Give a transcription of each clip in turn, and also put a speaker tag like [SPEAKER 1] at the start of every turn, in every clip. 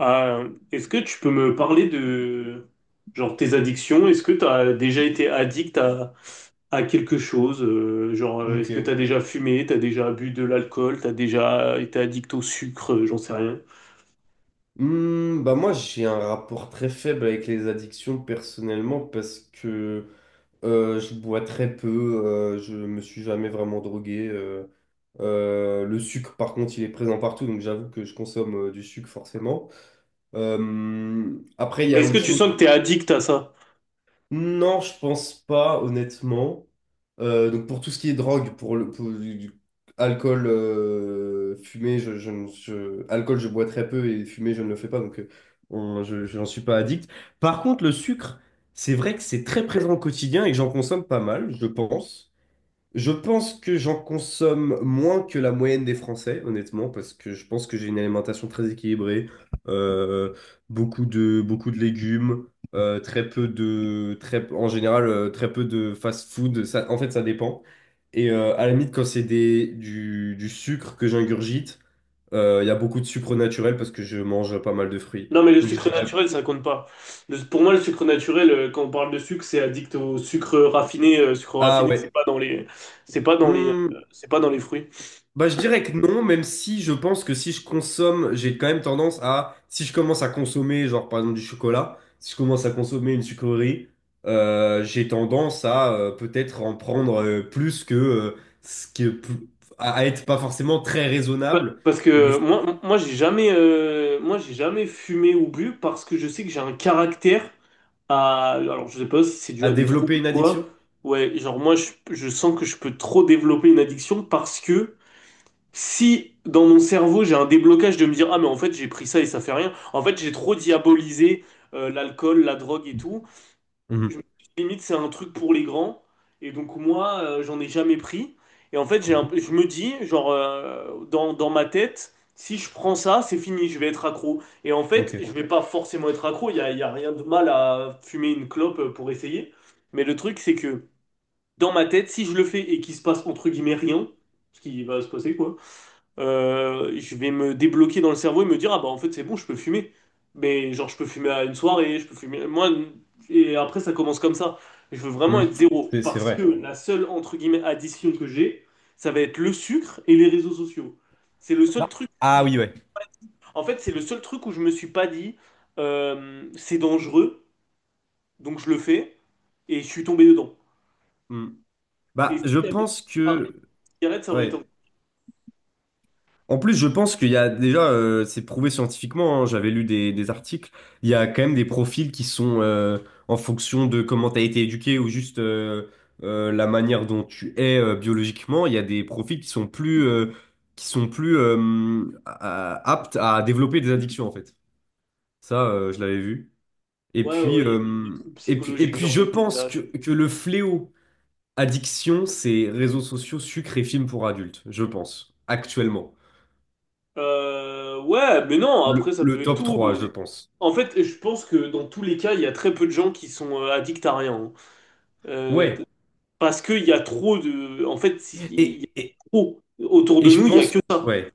[SPEAKER 1] Est-ce que tu peux me parler de genre tes addictions? Est-ce que tu as déjà été addict à quelque chose? Genre, est-ce que tu
[SPEAKER 2] Ok.
[SPEAKER 1] as déjà fumé, tu as déjà bu de l'alcool, tu as déjà été addict au sucre, j'en sais rien.
[SPEAKER 2] Bah moi j'ai un rapport très faible avec les addictions personnellement parce que je bois très peu, je me suis jamais vraiment drogué. Le sucre par contre il est présent partout donc j'avoue que je consomme du sucre forcément. Après il y
[SPEAKER 1] Mais
[SPEAKER 2] a
[SPEAKER 1] est-ce
[SPEAKER 2] autre
[SPEAKER 1] que tu
[SPEAKER 2] chose.
[SPEAKER 1] sens que tu es addict à ça?
[SPEAKER 2] Non, je pense pas, honnêtement. Donc pour tout ce qui est drogue, pour le pour du- alcool, fumée, je, ne- je- alcool, je bois très peu et fumée, je ne le fais pas, donc je n'en suis pas addict. Par contre, le sucre, c'est vrai que c'est très présent au quotidien et j'en consomme pas mal, je pense. Je pense que j'en consomme moins que la moyenne des Français, honnêtement, parce que je pense que j'ai une alimentation très équilibrée, euh, beaucoup de légumes, très peu de, très, en général, très peu de fast-food. Ça, en fait, ça dépend. Et à la limite, quand c'est du sucre que j'ingurgite, il y a beaucoup de sucre naturel parce que je mange pas mal de fruits.
[SPEAKER 1] Non, mais le
[SPEAKER 2] Donc je
[SPEAKER 1] sucre
[SPEAKER 2] dirais,
[SPEAKER 1] naturel, ça compte pas. Pour moi, le sucre naturel, quand on parle de sucre, c'est addict au sucre raffiné. Sucre
[SPEAKER 2] ah
[SPEAKER 1] raffiné,
[SPEAKER 2] ouais.
[SPEAKER 1] c'est pas dans les, c'est pas dans les,
[SPEAKER 2] hmm,
[SPEAKER 1] c'est pas dans les fruits.
[SPEAKER 2] Bah, je dirais que non, même si je pense que si je consomme, j'ai quand même tendance à, si je commence à consommer, genre par exemple du chocolat, si je commence à consommer une sucrerie, j'ai tendance à peut-être en prendre plus que ce qui est plus- à être pas forcément très raisonnable,
[SPEAKER 1] Parce
[SPEAKER 2] mais
[SPEAKER 1] que moi, j'ai jamais, j'ai jamais fumé ou bu parce que je sais que j'ai un caractère à. Alors, je sais pas si c'est dû
[SPEAKER 2] à
[SPEAKER 1] à des troubles
[SPEAKER 2] développer
[SPEAKER 1] ou
[SPEAKER 2] une
[SPEAKER 1] quoi.
[SPEAKER 2] addiction.
[SPEAKER 1] Ouais, genre, moi, je sens que je peux trop développer une addiction parce que si dans mon cerveau j'ai un déblocage de me dire, ah, mais en fait, j'ai pris ça et ça fait rien. En fait, j'ai trop diabolisé l'alcool, la drogue et tout. Je me suis
[SPEAKER 2] Mhm.
[SPEAKER 1] dit, limite, c'est un truc pour les grands. Et donc, moi, j'en ai jamais pris. Et en fait,
[SPEAKER 2] Mhm.
[SPEAKER 1] je me dis, genre, dans ma tête, si je prends ça, c'est fini, je vais être accro. Et en fait,
[SPEAKER 2] Ok.
[SPEAKER 1] je vais pas forcément être accro. Il y a rien de mal à fumer une clope pour essayer. Mais le truc, c'est que dans ma tête, si je le fais et qu'il se passe entre guillemets rien, ce qui va se passer, quoi, je vais me débloquer dans le cerveau et me dire, ah bah en fait c'est bon, je peux fumer. Mais genre je peux fumer à une soirée, je peux fumer. Et après ça commence comme ça. Je veux vraiment
[SPEAKER 2] Mhm.
[SPEAKER 1] être zéro
[SPEAKER 2] C'est
[SPEAKER 1] parce que
[SPEAKER 2] vrai.
[SPEAKER 1] la seule, entre guillemets, addition que j'ai, ça va être le sucre et les réseaux sociaux. C'est le
[SPEAKER 2] Bah,
[SPEAKER 1] seul truc où
[SPEAKER 2] ah
[SPEAKER 1] je-
[SPEAKER 2] oui, ouais.
[SPEAKER 1] en fait, c'est le seul truc où je me suis pas dit, c'est dangereux, donc je le fais, et je suis tombé dedans.
[SPEAKER 2] Mm.
[SPEAKER 1] Et
[SPEAKER 2] Bah,
[SPEAKER 1] si
[SPEAKER 2] je
[SPEAKER 1] j'avais
[SPEAKER 2] pense
[SPEAKER 1] arrêté
[SPEAKER 2] que.
[SPEAKER 1] la cigarette, ça aurait été...
[SPEAKER 2] Ouais. En plus, je pense qu'il y a déjà, c'est prouvé scientifiquement, hein, j'avais lu des articles, il y a quand même des profils qui sont en fonction de comment tu as été éduqué ou juste la manière dont tu es biologiquement, il y a des profils qui sont qui sont plus aptes à développer des addictions en fait. Ça, je l'avais vu. Et
[SPEAKER 1] Ouais,
[SPEAKER 2] puis,
[SPEAKER 1] ouais, il y a des troubles psychologiques, genre
[SPEAKER 2] je
[SPEAKER 1] les
[SPEAKER 2] pense
[SPEAKER 1] TDAH et tout.
[SPEAKER 2] que le fléau addiction, c'est réseaux sociaux, sucre et films pour adultes, je pense, actuellement.
[SPEAKER 1] Ouais, mais non, après ça
[SPEAKER 2] Le
[SPEAKER 1] peut être
[SPEAKER 2] top
[SPEAKER 1] tout.
[SPEAKER 2] 3 je pense.
[SPEAKER 1] En fait, je pense que dans tous les cas, il y a très peu de gens qui sont addicts à rien, hein. Euh,
[SPEAKER 2] Ouais.
[SPEAKER 1] Parce qu'il y a trop de... En fait, il y a
[SPEAKER 2] Et, et,
[SPEAKER 1] trop. Autour
[SPEAKER 2] et
[SPEAKER 1] de
[SPEAKER 2] je
[SPEAKER 1] nous, il y a
[SPEAKER 2] pense,
[SPEAKER 1] que ça.
[SPEAKER 2] ouais.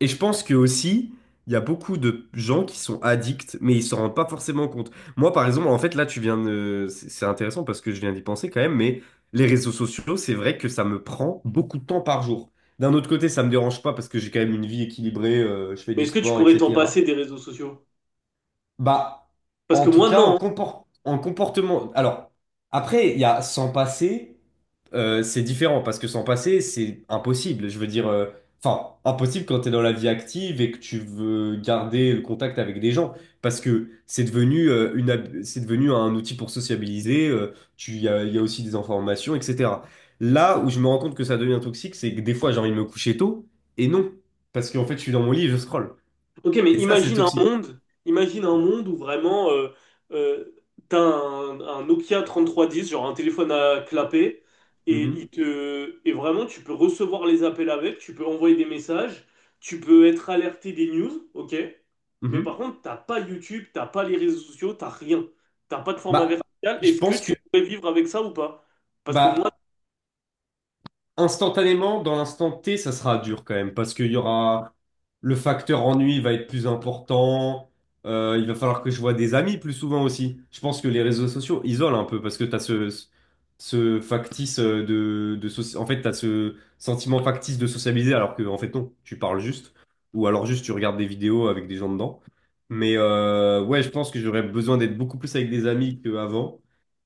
[SPEAKER 2] Et je pense que aussi, il y a beaucoup de gens qui sont addicts, mais ils s'en rendent pas forcément compte. Moi, par exemple, en fait, là, tu viens de... C'est intéressant parce que je viens d'y penser quand même, mais les réseaux sociaux, c'est vrai que ça me prend beaucoup de temps par jour. D'un autre côté, ça me dérange pas parce que j'ai quand même une vie équilibrée, je fais
[SPEAKER 1] Mais
[SPEAKER 2] du
[SPEAKER 1] est-ce que tu
[SPEAKER 2] sport,
[SPEAKER 1] pourrais t'en passer
[SPEAKER 2] etc.
[SPEAKER 1] des réseaux sociaux?
[SPEAKER 2] Bah,
[SPEAKER 1] Parce
[SPEAKER 2] en
[SPEAKER 1] que
[SPEAKER 2] tout
[SPEAKER 1] moi,
[SPEAKER 2] cas,
[SPEAKER 1] non.
[SPEAKER 2] un comportement. Alors, après, il y a s'en passer, c'est différent parce que s'en passer, c'est impossible. Je veux dire, enfin, impossible quand tu es dans la vie active et que tu veux garder le contact avec des gens parce que c'est devenu, c'est devenu un outil pour sociabiliser. Il y a aussi des informations, etc. Là où je me rends compte que ça devient toxique, c'est que des fois, j'ai envie de me coucher tôt et non, parce qu'en fait, je suis dans mon lit et je scrolle.
[SPEAKER 1] Ok, mais
[SPEAKER 2] Et ça, c'est
[SPEAKER 1] imagine un
[SPEAKER 2] toxique.
[SPEAKER 1] monde, où vraiment euh, t'as un, Nokia 3310, genre un téléphone à clapet,
[SPEAKER 2] Mhm.
[SPEAKER 1] et vraiment tu peux recevoir les appels avec, tu peux envoyer des messages, tu peux être alerté des news, ok. Mais par
[SPEAKER 2] Mhm.
[SPEAKER 1] contre, t'as pas YouTube, t'as pas les réseaux sociaux, t'as rien, t'as pas de format
[SPEAKER 2] Bah,
[SPEAKER 1] vertical.
[SPEAKER 2] je
[SPEAKER 1] Est-ce que
[SPEAKER 2] pense
[SPEAKER 1] tu
[SPEAKER 2] que
[SPEAKER 1] pourrais vivre avec ça ou pas? Parce que moi...
[SPEAKER 2] bah, instantanément, dans l'instant T, ça sera dur quand même, parce qu'il y aura le facteur ennui va être plus important. Il va falloir que je vois des amis plus souvent aussi. Je pense que les réseaux sociaux isolent un peu parce que ce factice de soci- en fait, tu as ce sentiment factice de sociabiliser alors que, en fait, non, tu parles juste ou alors juste tu regardes des vidéos avec des gens dedans. Mais ouais, je pense que j'aurais besoin d'être beaucoup plus avec des amis qu'avant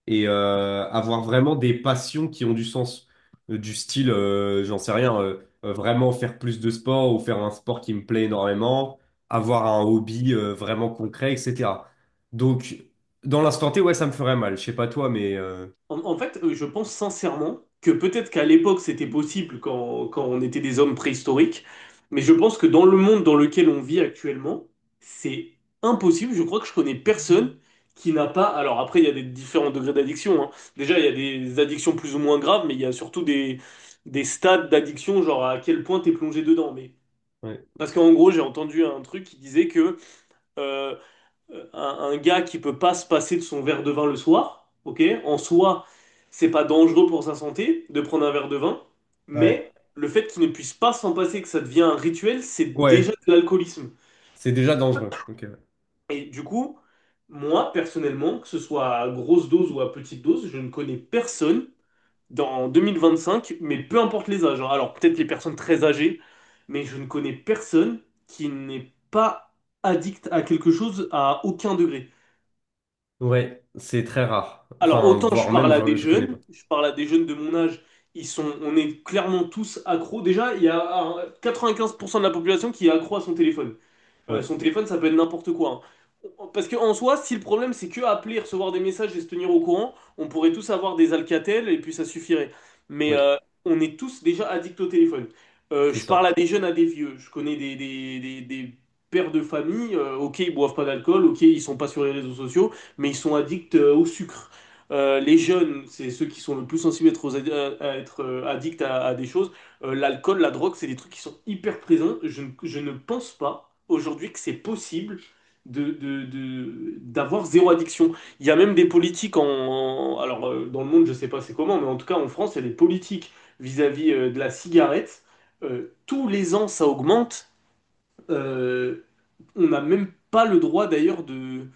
[SPEAKER 2] et avoir vraiment des passions qui ont du sens du style, j'en sais rien, vraiment faire plus de sport ou faire un sport qui me plaît énormément, avoir un hobby vraiment concret, etc. Donc, dans l'instant T, ouais, ça me ferait mal. Je sais pas toi, mais
[SPEAKER 1] En fait, je pense sincèrement que peut-être qu'à l'époque c'était possible quand, on était des hommes préhistoriques, mais je pense que dans le monde dans lequel on vit actuellement, c'est impossible. Je crois que je connais personne qui n'a pas. Alors après, il y a des différents degrés d'addiction, hein. Déjà, il y a des addictions plus ou moins graves, mais il y a surtout des stades d'addiction, genre à quel point t'es plongé dedans. Mais
[SPEAKER 2] ouais,
[SPEAKER 1] parce qu'en gros, j'ai entendu un truc qui disait que euh, euh, un, un gars qui peut pas se passer de son verre de vin le soir, ok? En soi, c'est pas dangereux pour sa santé de prendre un verre de vin,
[SPEAKER 2] ouais.
[SPEAKER 1] mais le fait qu'il ne puisse pas s'en passer, que ça devient un rituel, c'est
[SPEAKER 2] Ouais,
[SPEAKER 1] déjà de l'alcoolisme.
[SPEAKER 2] c'est déjà dangereux. Ok. Ouais,
[SPEAKER 1] Et du coup, moi, personnellement, que ce soit à grosse dose ou à petite dose, je ne connais personne dans 2025, mais peu importe les âges, hein. Alors, peut-être les personnes très âgées, mais je ne connais personne qui n'est pas addict à quelque chose à aucun degré.
[SPEAKER 2] ouais, c'est très rare.
[SPEAKER 1] Alors,
[SPEAKER 2] Enfin,
[SPEAKER 1] autant je
[SPEAKER 2] voire
[SPEAKER 1] parle
[SPEAKER 2] même,
[SPEAKER 1] à des
[SPEAKER 2] je connais pas.
[SPEAKER 1] jeunes, je parle à des jeunes de mon âge, on est clairement tous accros. Déjà, il y a 95% de la population qui est accro à son téléphone.
[SPEAKER 2] Ouais,
[SPEAKER 1] Son téléphone, ça peut être n'importe quoi, hein. Parce qu'en soi, si le problème c'est que appeler, recevoir des messages et se tenir au courant, on pourrait tous avoir des Alcatel et puis ça suffirait. Mais
[SPEAKER 2] oui,
[SPEAKER 1] on est tous déjà addicts au téléphone.
[SPEAKER 2] c'est
[SPEAKER 1] Je parle
[SPEAKER 2] ça.
[SPEAKER 1] à des jeunes, à des vieux. Je connais des pères de famille. Ok, ils boivent pas d'alcool. Ok, ils sont pas sur les réseaux sociaux, mais ils sont addicts au sucre. Les jeunes, c'est ceux qui sont le plus sensibles à être, à être, addicts à des choses. L'alcool, la drogue, c'est des trucs qui sont hyper présents. Je ne pense pas aujourd'hui que c'est possible d'avoir zéro addiction. Il y a même des politiques alors dans le monde, je sais pas c'est comment, mais en tout cas en France, il y a des politiques vis-à-vis de la cigarette. Tous les ans, ça augmente. Euh, on n'a même pas le droit d'ailleurs de...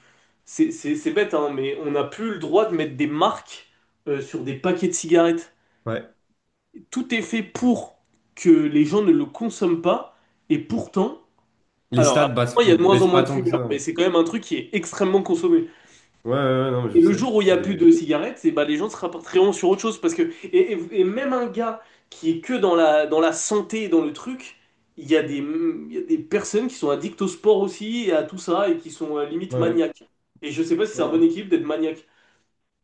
[SPEAKER 1] C'est bête, hein, mais on n'a plus le droit de mettre des marques sur des paquets de cigarettes.
[SPEAKER 2] Ouais.
[SPEAKER 1] Tout est fait pour que les gens ne le consomment pas, et pourtant,
[SPEAKER 2] Les stats
[SPEAKER 1] alors
[SPEAKER 2] baissent,
[SPEAKER 1] il y a de moins en
[SPEAKER 2] baissent
[SPEAKER 1] moins
[SPEAKER 2] pas
[SPEAKER 1] de
[SPEAKER 2] tant que
[SPEAKER 1] fumeurs, mais
[SPEAKER 2] ça.
[SPEAKER 1] c'est quand même un truc qui est extrêmement consommé.
[SPEAKER 2] Ouais, ouais, ouais, ouais, non, mais je
[SPEAKER 1] Et le
[SPEAKER 2] sais.
[SPEAKER 1] jour où il n'y a plus
[SPEAKER 2] C'est
[SPEAKER 1] de cigarettes, c'est bah, les gens se rapporteront sur autre chose, parce que et même un gars qui est que dans la, santé, dans le truc, il y a des personnes qui sont addictes au sport aussi, et à tout ça, et qui sont limite
[SPEAKER 2] ouais, ouais,
[SPEAKER 1] maniaques. Et je sais pas si c'est
[SPEAKER 2] ouais.
[SPEAKER 1] un bon
[SPEAKER 2] Ouais.
[SPEAKER 1] équilibre d'être maniaque.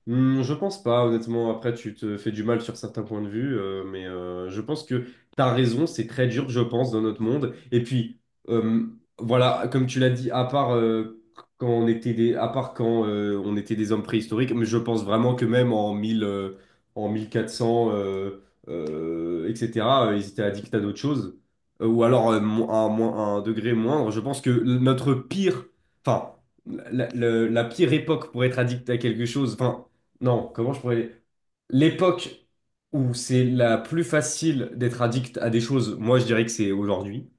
[SPEAKER 2] Je pense pas, honnêtement. Après, tu te fais du mal sur certains points de vue, mais je pense que t'as raison, c'est très dur, je pense, dans notre monde. Et puis, euh, voilà, comme tu l'as dit, à part quand on était des, à part quand on était des hommes préhistoriques, mais je pense vraiment que même en 1000, en 1400, etc., ils étaient addicts à d'autres choses. Ou alors à un degré moindre. Je pense que notre pire, enfin, la pire époque pour être addict à quelque chose. Enfin, non, comment je pourrais... L'époque où c'est la plus facile d'être addict à des choses, moi je dirais que c'est aujourd'hui.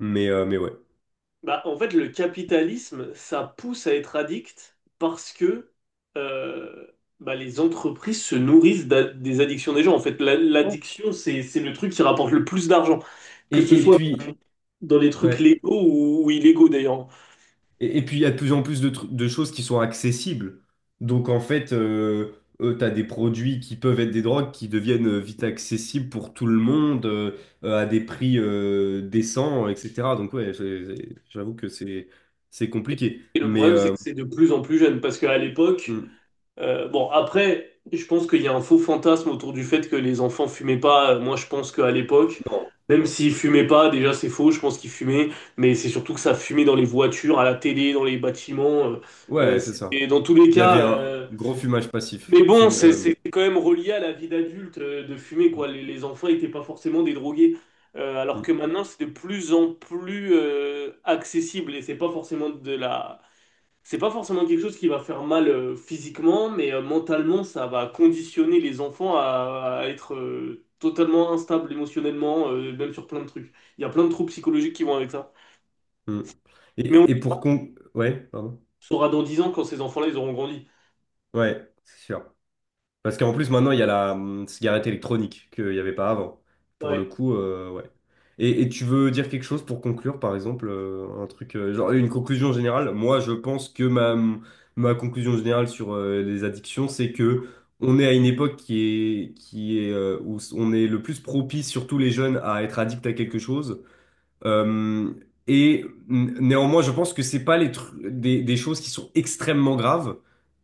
[SPEAKER 2] Mais, ouais.
[SPEAKER 1] Bah, en fait, le capitalisme, ça pousse à être addict parce que euh, bah, les entreprises se nourrissent des addictions des gens. En fait,
[SPEAKER 2] Ouais.
[SPEAKER 1] l'addiction, c'est le truc qui rapporte le plus d'argent, que ce,
[SPEAKER 2] Et,
[SPEAKER 1] oui,
[SPEAKER 2] et
[SPEAKER 1] soit
[SPEAKER 2] puis,
[SPEAKER 1] dans les trucs
[SPEAKER 2] ouais.
[SPEAKER 1] légaux ou illégaux d'ailleurs.
[SPEAKER 2] Il y a de plus en plus de choses qui sont accessibles. Donc, en fait, tu as des produits qui peuvent être des drogues qui deviennent vite accessibles pour tout le monde à des prix décents, etc. Donc, ouais, j'avoue que c'est compliqué.
[SPEAKER 1] Et le
[SPEAKER 2] Mais
[SPEAKER 1] problème, c'est que c'est de plus en plus jeune parce qu'à l'époque...
[SPEAKER 2] mm,
[SPEAKER 1] Bon, après, je pense qu'il y a un faux fantasme autour du fait que les enfants fumaient pas. Moi, je pense qu'à l'époque,
[SPEAKER 2] non,
[SPEAKER 1] même
[SPEAKER 2] non.
[SPEAKER 1] s'ils fumaient pas, déjà c'est faux, je pense qu'ils fumaient, mais c'est surtout que ça fumait dans les voitures, à la télé, dans les bâtiments.
[SPEAKER 2] Ouais, c'est ça.
[SPEAKER 1] C'était dans tous les
[SPEAKER 2] Il y
[SPEAKER 1] cas.
[SPEAKER 2] avait un
[SPEAKER 1] euh,
[SPEAKER 2] gros fumage passif.
[SPEAKER 1] Mais bon, c'est c'est quand même relié à la vie d'adulte de fumer, quoi. Les enfants n'étaient pas forcément des drogués.
[SPEAKER 2] Mm,
[SPEAKER 1] Alors que
[SPEAKER 2] mm,
[SPEAKER 1] maintenant, c'est de plus en plus accessible et c'est pas forcément quelque chose qui va faire mal physiquement, mais mentalement, ça va conditionner les enfants à être totalement instables émotionnellement, même sur plein de trucs. Il y a plein de troubles psychologiques qui vont avec ça.
[SPEAKER 2] mm.
[SPEAKER 1] Mais on le
[SPEAKER 2] Ouais, pardon.
[SPEAKER 1] saura dans 10 ans quand ces enfants-là, ils auront grandi.
[SPEAKER 2] Ouais, c'est sûr. Parce qu'en plus, maintenant, il y a la cigarette électronique qu'il n'y avait pas avant. Pour le
[SPEAKER 1] Ouais,
[SPEAKER 2] coup, ouais. Et tu veux dire quelque chose pour conclure, par exemple, un truc, genre une conclusion générale? Moi, je pense que ma conclusion générale sur les addictions, c'est que on est à une époque qui est, où on est le plus propice, surtout les jeunes, à être addict à quelque chose. Euh, et néanmoins, je pense que c'est pas des choses qui sont extrêmement graves.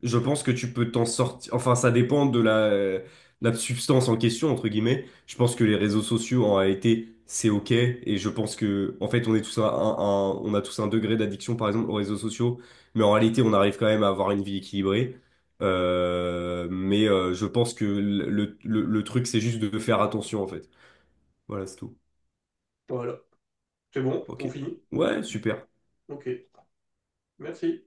[SPEAKER 2] Je pense que tu peux t'en sortir. Enfin, ça dépend de de la substance en question, entre guillemets. Je pense que les réseaux sociaux, en réalité, c'est OK. Et je pense que, en fait, on a tous un degré d'addiction, par exemple, aux réseaux sociaux. Mais en réalité, on arrive quand même à avoir une vie équilibrée. Mais je pense que le truc, c'est juste de faire attention, en fait. Voilà, c'est tout.
[SPEAKER 1] voilà. C'est bon,
[SPEAKER 2] OK.
[SPEAKER 1] on finit.
[SPEAKER 2] Ouais, super.
[SPEAKER 1] Ok, merci.